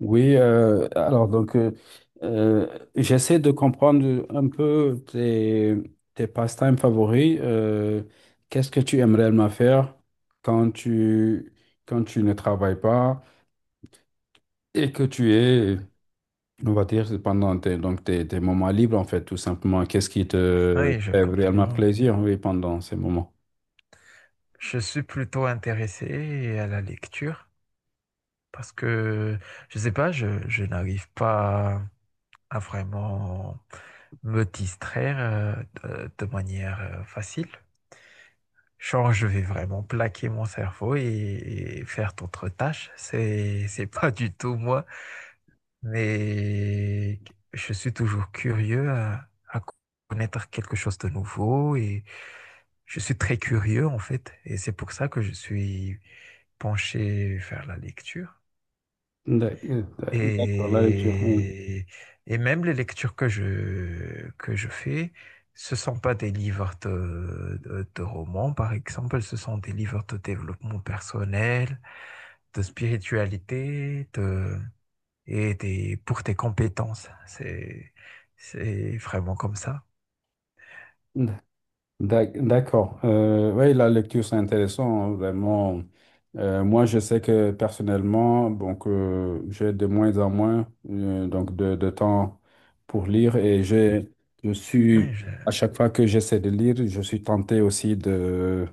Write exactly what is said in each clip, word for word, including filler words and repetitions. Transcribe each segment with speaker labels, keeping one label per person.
Speaker 1: Oui, euh, alors donc euh, euh, j'essaie de comprendre un peu tes, tes pastimes favoris. Euh, qu'est-ce que tu aimes réellement faire quand tu, quand tu ne travailles pas et que tu es, on va dire, pendant tes, donc tes, tes moments libres en fait, tout simplement. Qu'est-ce qui te
Speaker 2: Oui, je
Speaker 1: fait réellement
Speaker 2: comprends.
Speaker 1: plaisir, oui, pendant ces moments?
Speaker 2: Je suis plutôt intéressé à la lecture parce que, je sais pas, je, je n'arrive pas à vraiment me distraire euh, de, de manière euh, facile. Genre, je vais vraiment plaquer mon cerveau et, et faire d'autres tâches. C'est, c'est pas du tout moi. Mais je suis toujours curieux à, à connaître quelque chose de nouveau et je suis très curieux en fait. Et c'est pour ça que je suis penché vers la lecture.
Speaker 1: D'ac- D'accord, la lecture, oui.
Speaker 2: Et, et même les lectures que je, que je fais, ce sont pas des livres de, de, de romans, par exemple, ce sont des livres de développement personnel, de spiritualité, de et tes- pour tes compétences. C'est, c'est vraiment comme ça.
Speaker 1: D'ac- D'accord. Euh, oui, la lecture, c'est intéressant, hein, vraiment. Euh, moi, je sais que personnellement, donc, euh, j'ai de moins en moins euh, donc de, de temps pour lire et j'ai, je suis,
Speaker 2: Oui,
Speaker 1: à
Speaker 2: je-
Speaker 1: chaque fois que j'essaie de lire, je suis tenté aussi de,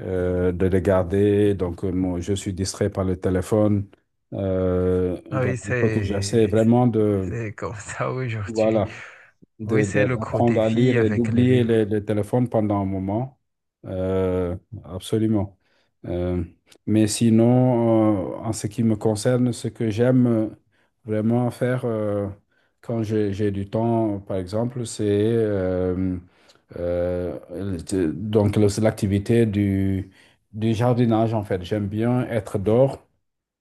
Speaker 1: euh, de regarder. Donc, euh, moi, je suis distrait par le téléphone. Euh,
Speaker 2: ah
Speaker 1: voilà,
Speaker 2: oui,
Speaker 1: il faut que j'essaie
Speaker 2: c'est,
Speaker 1: vraiment de,
Speaker 2: c'est comme ça aujourd'hui.
Speaker 1: voilà,
Speaker 2: Oui,
Speaker 1: de, de-
Speaker 2: c'est le gros
Speaker 1: d'apprendre à
Speaker 2: défi
Speaker 1: lire et
Speaker 2: avec les
Speaker 1: d'oublier les,
Speaker 2: livres.
Speaker 1: les téléphones pendant un moment. Euh, absolument. Euh, mais sinon, euh, en ce qui me concerne, ce que j'aime euh, vraiment faire euh, quand j'ai, j'ai du temps, par exemple, c'est euh, euh, le- donc le- l'activité du, du jardinage, en fait. J'aime bien être dehors.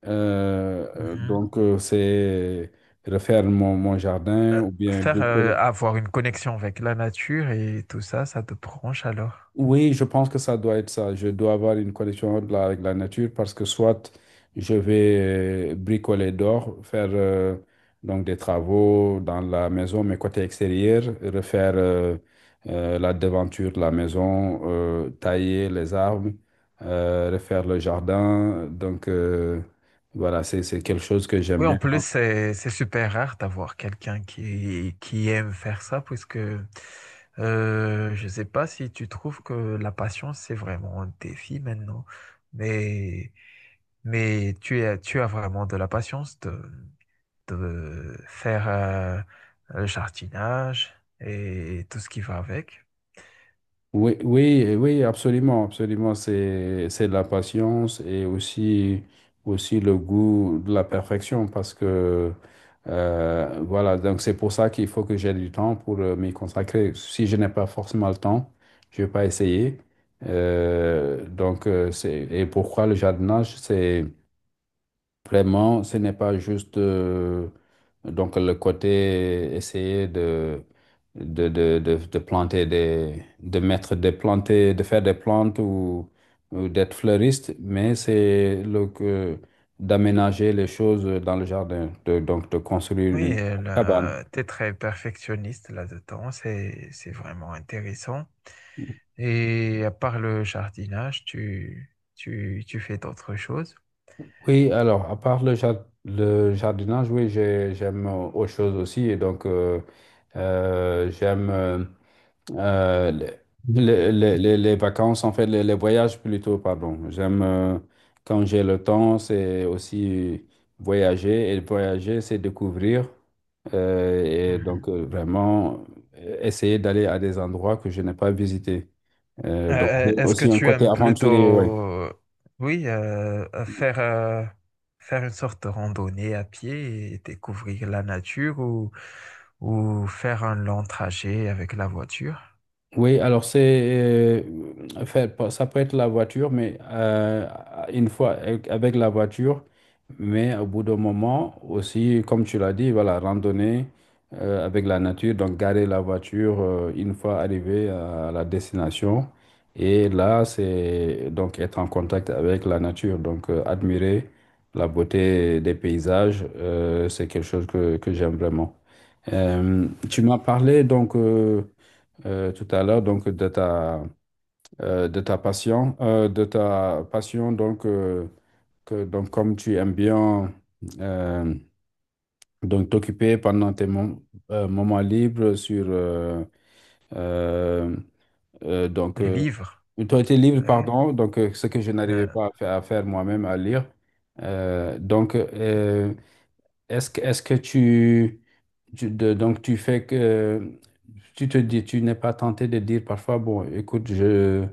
Speaker 1: Euh,
Speaker 2: Mhm.
Speaker 1: donc, euh, c'est refaire mon, mon jardin
Speaker 2: Euh,
Speaker 1: ou bien
Speaker 2: Faire euh,
Speaker 1: bricoler.
Speaker 2: avoir une connexion avec la nature et tout ça, ça te branche alors.
Speaker 1: Oui, je pense que ça doit être ça. Je dois avoir une connexion de la- avec la nature parce que soit je vais euh, bricoler dehors, faire euh, donc des travaux dans la maison, mais côté extérieur, refaire euh, euh, la devanture de la maison, euh, tailler les arbres, euh, refaire le jardin. Donc euh, voilà, c'est c'est quelque chose que j'aime
Speaker 2: Oui, en
Speaker 1: bien.
Speaker 2: plus, c'est c'est super rare d'avoir quelqu'un qui, qui aime faire ça, puisque euh, je ne sais pas si tu trouves que la passion, c'est vraiment un défi maintenant. Mais Mais tu as, tu as vraiment de la patience de, de faire euh, le jardinage et tout ce qui va avec.
Speaker 1: Oui, oui, euh, oui, absolument, absolument. C'est, c'est de la patience et aussi, aussi le goût de la perfection parce que, euh, voilà, donc c'est pour ça qu'il faut que j'ai du temps pour euh, m'y consacrer. Si je n'ai pas forcément le temps, je vais pas essayer. Euh, donc, euh, c'est, et pourquoi le jardinage, c'est, vraiment, ce n'est pas juste euh, donc le côté essayer de, de, de, de, de planter des, de mettre des planter, de faire des plantes ou, ou d'être fleuriste, mais c'est le que d'aménager les choses dans le jardin, de, donc de construire
Speaker 2: Oui,
Speaker 1: une cabane.
Speaker 2: tu es très perfectionniste là-dedans, c'est, c'est vraiment intéressant. Et à part le jardinage, tu, tu, tu fais d'autres choses.
Speaker 1: Oui, alors, à part le, jar- le jardinage, oui, j'ai- j'aime euh, autre chose aussi. Et donc, euh, euh, j'aime. Euh, Euh, les, les- les- les vacances, en fait, les, les voyages plutôt, pardon. J'aime, euh, quand j'ai le temps, c'est aussi voyager. Et voyager, c'est découvrir. Euh, et
Speaker 2: Mhm.
Speaker 1: donc, euh, vraiment, euh, essayer d'aller à des endroits que je n'ai pas visités.
Speaker 2: Euh,
Speaker 1: Euh, donc, j'ai
Speaker 2: euh, est-ce que
Speaker 1: aussi un
Speaker 2: tu
Speaker 1: côté
Speaker 2: aimes
Speaker 1: aventurier, ouais.
Speaker 2: plutôt, oui, euh, faire, euh, faire une sorte de randonnée à pied et découvrir la nature ou, ou faire un long trajet avec la voiture,
Speaker 1: Oui, alors c'est, euh, enfin, pas- ça peut être la voiture, mais euh, une fois avec avec la voiture, mais au bout d'un moment aussi, comme tu l'as dit, voilà, randonnée euh, avec la nature, donc garer la voiture euh, une fois arrivé à la destination, et là c'est donc être en contact avec la nature, donc euh, admirer la beauté des paysages, euh, c'est quelque chose que, que j'aime vraiment. Euh, tu m'as parlé donc. euh, euh, tout à l'heure, donc de ta, euh, de ta passion, euh, de ta passion, donc, euh, que, donc comme tu aimes bien euh, donc t'occuper pendant tes mom- euh, moments libres sur euh, euh, euh, donc
Speaker 2: les
Speaker 1: euh,
Speaker 2: livres,
Speaker 1: ton été libre,
Speaker 2: oui.
Speaker 1: pardon, donc euh, ce que je n'arrivais
Speaker 2: Euh,
Speaker 1: pas à faire, à faire moi-même, à lire. Euh, donc, euh, est-ce que, Est-ce que tu, tu- de- donc tu fais que tu te dis, tu n'es pas tenté de dire parfois, bon, écoute, je,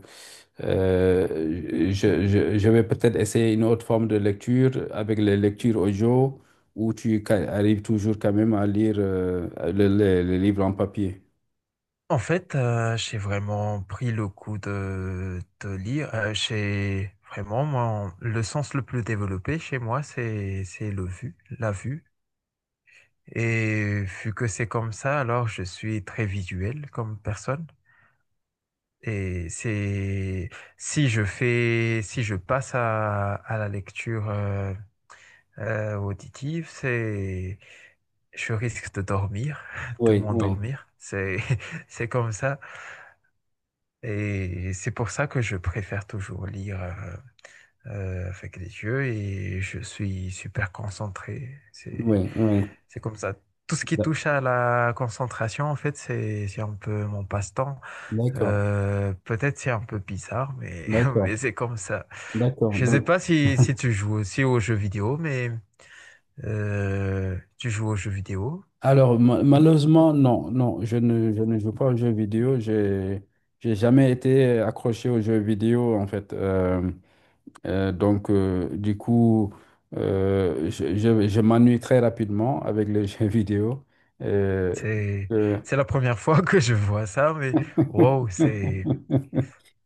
Speaker 1: euh, je, je, je vais peut-être essayer une autre forme de lecture avec les lectures audio, où tu ca- arrives toujours quand même à lire euh, le, le- le livre en papier.
Speaker 2: En fait, euh, j'ai vraiment pris le coup de, de lire. Euh, j'ai vraiment, mon- le sens le plus développé chez moi, c'est, c'est le vu, la vue. Et vu que c'est comme ça, alors je suis très visuel comme personne. Et c'est si je fais, si je passe à, à la lecture euh, euh, auditive, c'est je risque de dormir, de
Speaker 1: Oui, oui,
Speaker 2: m'endormir. C'est c'est comme ça. Et c'est pour ça que je préfère toujours lire euh, euh, avec les yeux et je suis super concentré. C'est
Speaker 1: oui, oui.
Speaker 2: c'est comme ça. Tout ce qui
Speaker 1: D'ac-
Speaker 2: touche à la concentration, en fait, c'est c'est un peu mon passe-temps.
Speaker 1: D'accord,
Speaker 2: Euh, peut-être c'est un peu bizarre, mais, mais
Speaker 1: d'accord,
Speaker 2: c'est comme ça.
Speaker 1: d'accord.
Speaker 2: Je ne sais
Speaker 1: Donc,
Speaker 2: pas si, si tu joues aussi aux jeux vidéo, mais euh, tu joues aux jeux vidéo.
Speaker 1: alors, ma- malheureusement, non, non, je ne, je ne joue pas aux jeux vidéo. J'ai, j'ai jamais été accroché aux jeux vidéo, en fait. Euh, euh, donc, euh, du coup, euh, je, je, je m'ennuie très rapidement avec les jeux vidéo. Euh,
Speaker 2: C'est,
Speaker 1: euh,
Speaker 2: c'est la première fois que je vois ça, mais wow, c'est,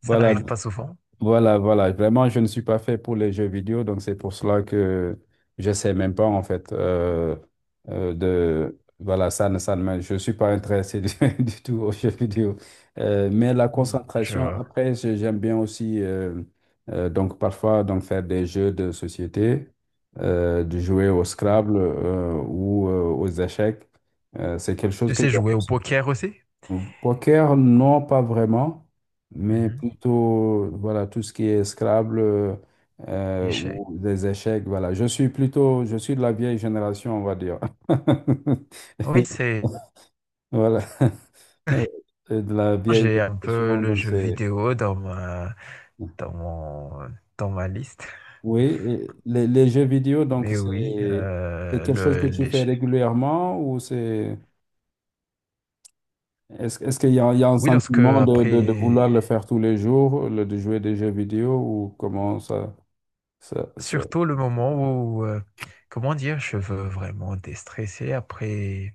Speaker 2: ça
Speaker 1: voilà,
Speaker 2: n'arrive pas souvent.
Speaker 1: Voilà, voilà. Vraiment, je ne suis pas fait pour les jeux vidéo, donc c'est pour cela que je sais même pas en fait euh, euh, de voilà ça ne ça ne me- je suis pas intéressé du, du tout aux jeux vidéo. Euh, mais la
Speaker 2: Mm.
Speaker 1: concentration
Speaker 2: Je,
Speaker 1: après je- j'aime bien aussi euh, euh, donc parfois donc faire des jeux de société, euh, de jouer au Scrabble euh, ou euh, aux échecs. Euh, c'est quelque chose
Speaker 2: tu
Speaker 1: que
Speaker 2: sais
Speaker 1: j'aime.
Speaker 2: jouer au poker aussi?
Speaker 1: Mm. Poker, non, pas vraiment, mais
Speaker 2: Mhm.
Speaker 1: plutôt, voilà, tout ce qui est Scrabble euh, euh,
Speaker 2: Échec.
Speaker 1: ou des échecs, voilà. Je suis plutôt, je suis de la vieille génération, on va dire.
Speaker 2: Oui, c'est,
Speaker 1: Voilà, et de la vieille
Speaker 2: j'ai un peu
Speaker 1: génération,
Speaker 2: le
Speaker 1: donc
Speaker 2: jeu
Speaker 1: c'est...
Speaker 2: vidéo dans ma, dans mon, dans ma liste.
Speaker 1: Oui, et les, les jeux vidéo, donc
Speaker 2: Mais oui,
Speaker 1: c'est c'est
Speaker 2: euh,
Speaker 1: quelque chose
Speaker 2: le,
Speaker 1: que tu fais
Speaker 2: l'échec.
Speaker 1: régulièrement ou c'est... Est-ce, est-ce qu'il y a, il y a un
Speaker 2: Oui, lorsque
Speaker 1: sentiment de, de, de
Speaker 2: après,
Speaker 1: vouloir le faire tous les jours, le, de jouer des jeux vidéo ou comment ça? Ça- ça-
Speaker 2: surtout le moment où, euh, comment dire, je veux vraiment déstresser après,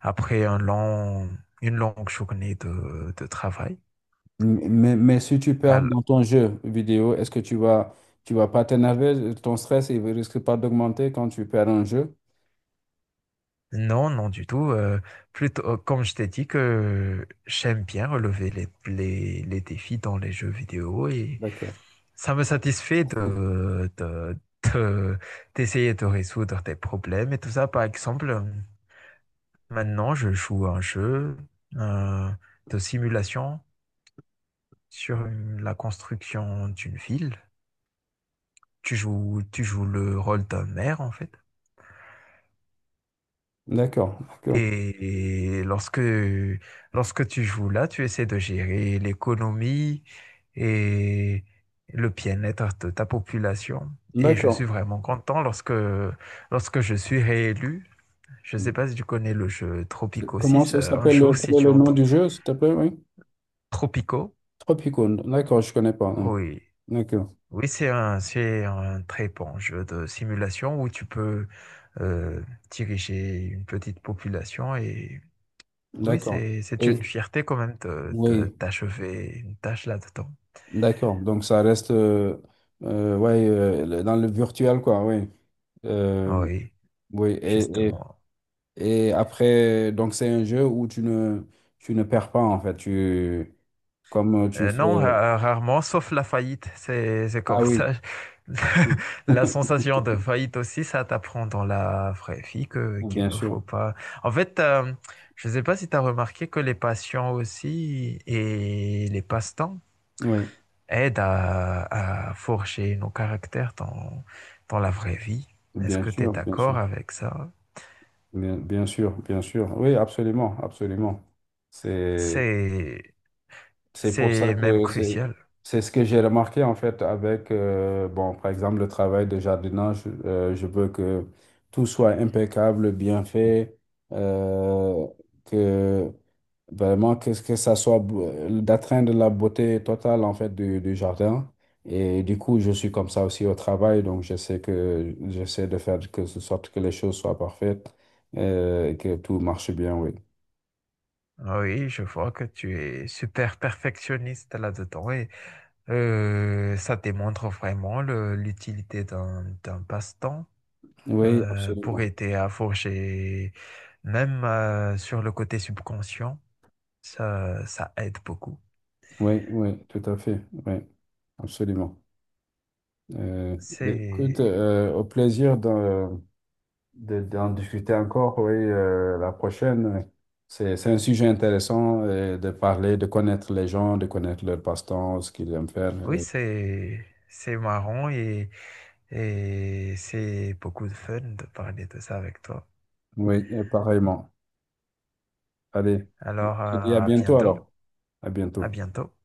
Speaker 2: après un long, une longue journée de, de travail.
Speaker 1: Mais, mais si tu perds
Speaker 2: Alors,
Speaker 1: dans ton jeu vidéo, est-ce que tu vas, tu vas pas t'énerver? Ton stress, il risque pas d'augmenter quand tu perds un jeu?
Speaker 2: non, non du tout. Euh, plutôt, euh, comme je t'ai dit que j'aime bien relever les, les, les défis dans les jeux vidéo et
Speaker 1: D'accord.
Speaker 2: ça me satisfait de, de, de- d'essayer de résoudre des problèmes et tout ça. Par exemple, maintenant, je joue à un jeu euh, de simulation sur une- la construction d'une ville. Tu joues, tu joues le rôle d'un maire, en fait.
Speaker 1: D'accord, d'accord,
Speaker 2: Et lorsque, lorsque tu joues là, tu essaies de gérer l'économie et le bien-être de ta population. Et je suis
Speaker 1: d'accord.
Speaker 2: vraiment content lorsque, lorsque je suis réélu. Je ne sais pas si tu connais le jeu Tropico
Speaker 1: Comment
Speaker 2: six.
Speaker 1: ça
Speaker 2: Euh, un
Speaker 1: s'appelle?
Speaker 2: jeu
Speaker 1: euh,
Speaker 2: si
Speaker 1: Quel est
Speaker 2: tu
Speaker 1: le nom
Speaker 2: entres
Speaker 1: du jeu, s'il te plaît? Oui.
Speaker 2: Tropico.
Speaker 1: Tropicone, d'accord, je connais pas. Non.
Speaker 2: Oui.
Speaker 1: D'accord,
Speaker 2: Oui, c'est un, c'est un très bon jeu de simulation où tu peux euh, diriger une petite population et oui,
Speaker 1: d'accord.
Speaker 2: c'est, c'est une
Speaker 1: Et
Speaker 2: fierté quand même de, de-
Speaker 1: oui,
Speaker 2: d'achever une tâche là-dedans.
Speaker 1: d'accord. Donc ça reste euh, euh, ouais, euh, le- dans le virtuel, quoi, oui.
Speaker 2: Ah
Speaker 1: Euh,
Speaker 2: oui,
Speaker 1: oui, et,
Speaker 2: justement.
Speaker 1: Et après, donc c'est un jeu où tu ne, tu ne perds pas en fait. Tu, comme tu
Speaker 2: Euh,
Speaker 1: fais...
Speaker 2: non, ra- rarement, sauf la faillite, c'est, c'est
Speaker 1: Ah
Speaker 2: comme
Speaker 1: oui,
Speaker 2: ça. La sensation de faillite aussi, ça t'apprend dans la vraie vie que, qu'il
Speaker 1: bien
Speaker 2: ne
Speaker 1: sûr.
Speaker 2: faut pas. En fait, euh, je ne sais pas si tu as remarqué que les passions aussi et les passe-temps,
Speaker 1: Oui,
Speaker 2: aide à, à forger nos caractères dans, dans la vraie vie. Est-ce
Speaker 1: bien
Speaker 2: que tu es
Speaker 1: sûr, bien
Speaker 2: d'accord
Speaker 1: sûr.
Speaker 2: avec ça?
Speaker 1: Bien, bien sûr, bien sûr. Oui, absolument, absolument. C'est,
Speaker 2: C'est,
Speaker 1: c'est pour ça
Speaker 2: c'est même
Speaker 1: que c'est,
Speaker 2: crucial.
Speaker 1: c'est ce que j'ai remarqué en fait avec, euh, bon, par exemple, le travail de jardinage. Euh, je veux que tout soit impeccable, bien fait, euh, que Vraiment, que, que ça soit beau- d'atteindre la beauté totale en fait du, du jardin. Et du coup, je suis comme ça aussi au travail, donc je sais que j'essaie de faire que ce sorte que les choses soient parfaites euh, et que tout marche bien, oui.
Speaker 2: Ah oui, je vois que tu es super perfectionniste là-dedans et euh, ça démontre vraiment le- l'utilité d'un d'un passe-temps
Speaker 1: Oui,
Speaker 2: euh, pour
Speaker 1: absolument.
Speaker 2: aider à forger, même euh, sur le côté subconscient, ça, ça aide beaucoup.
Speaker 1: Oui, oui, tout à fait. Oui, absolument. Euh, mais écoute,
Speaker 2: C'est
Speaker 1: euh, au plaisir de, de, d'en discuter encore, oui, euh, la prochaine. C'est, c'est un sujet intéressant euh, de parler, de connaître les gens, de connaître leur passe-temps, ce qu'ils aiment faire.
Speaker 2: oui,
Speaker 1: Et
Speaker 2: c'est c'est marrant et, et c'est beaucoup de fun de parler de ça avec toi.
Speaker 1: oui, et pareillement. Allez, je
Speaker 2: Alors,
Speaker 1: te dis à
Speaker 2: à à
Speaker 1: bientôt
Speaker 2: bientôt.
Speaker 1: alors. À
Speaker 2: À
Speaker 1: bientôt.
Speaker 2: bientôt.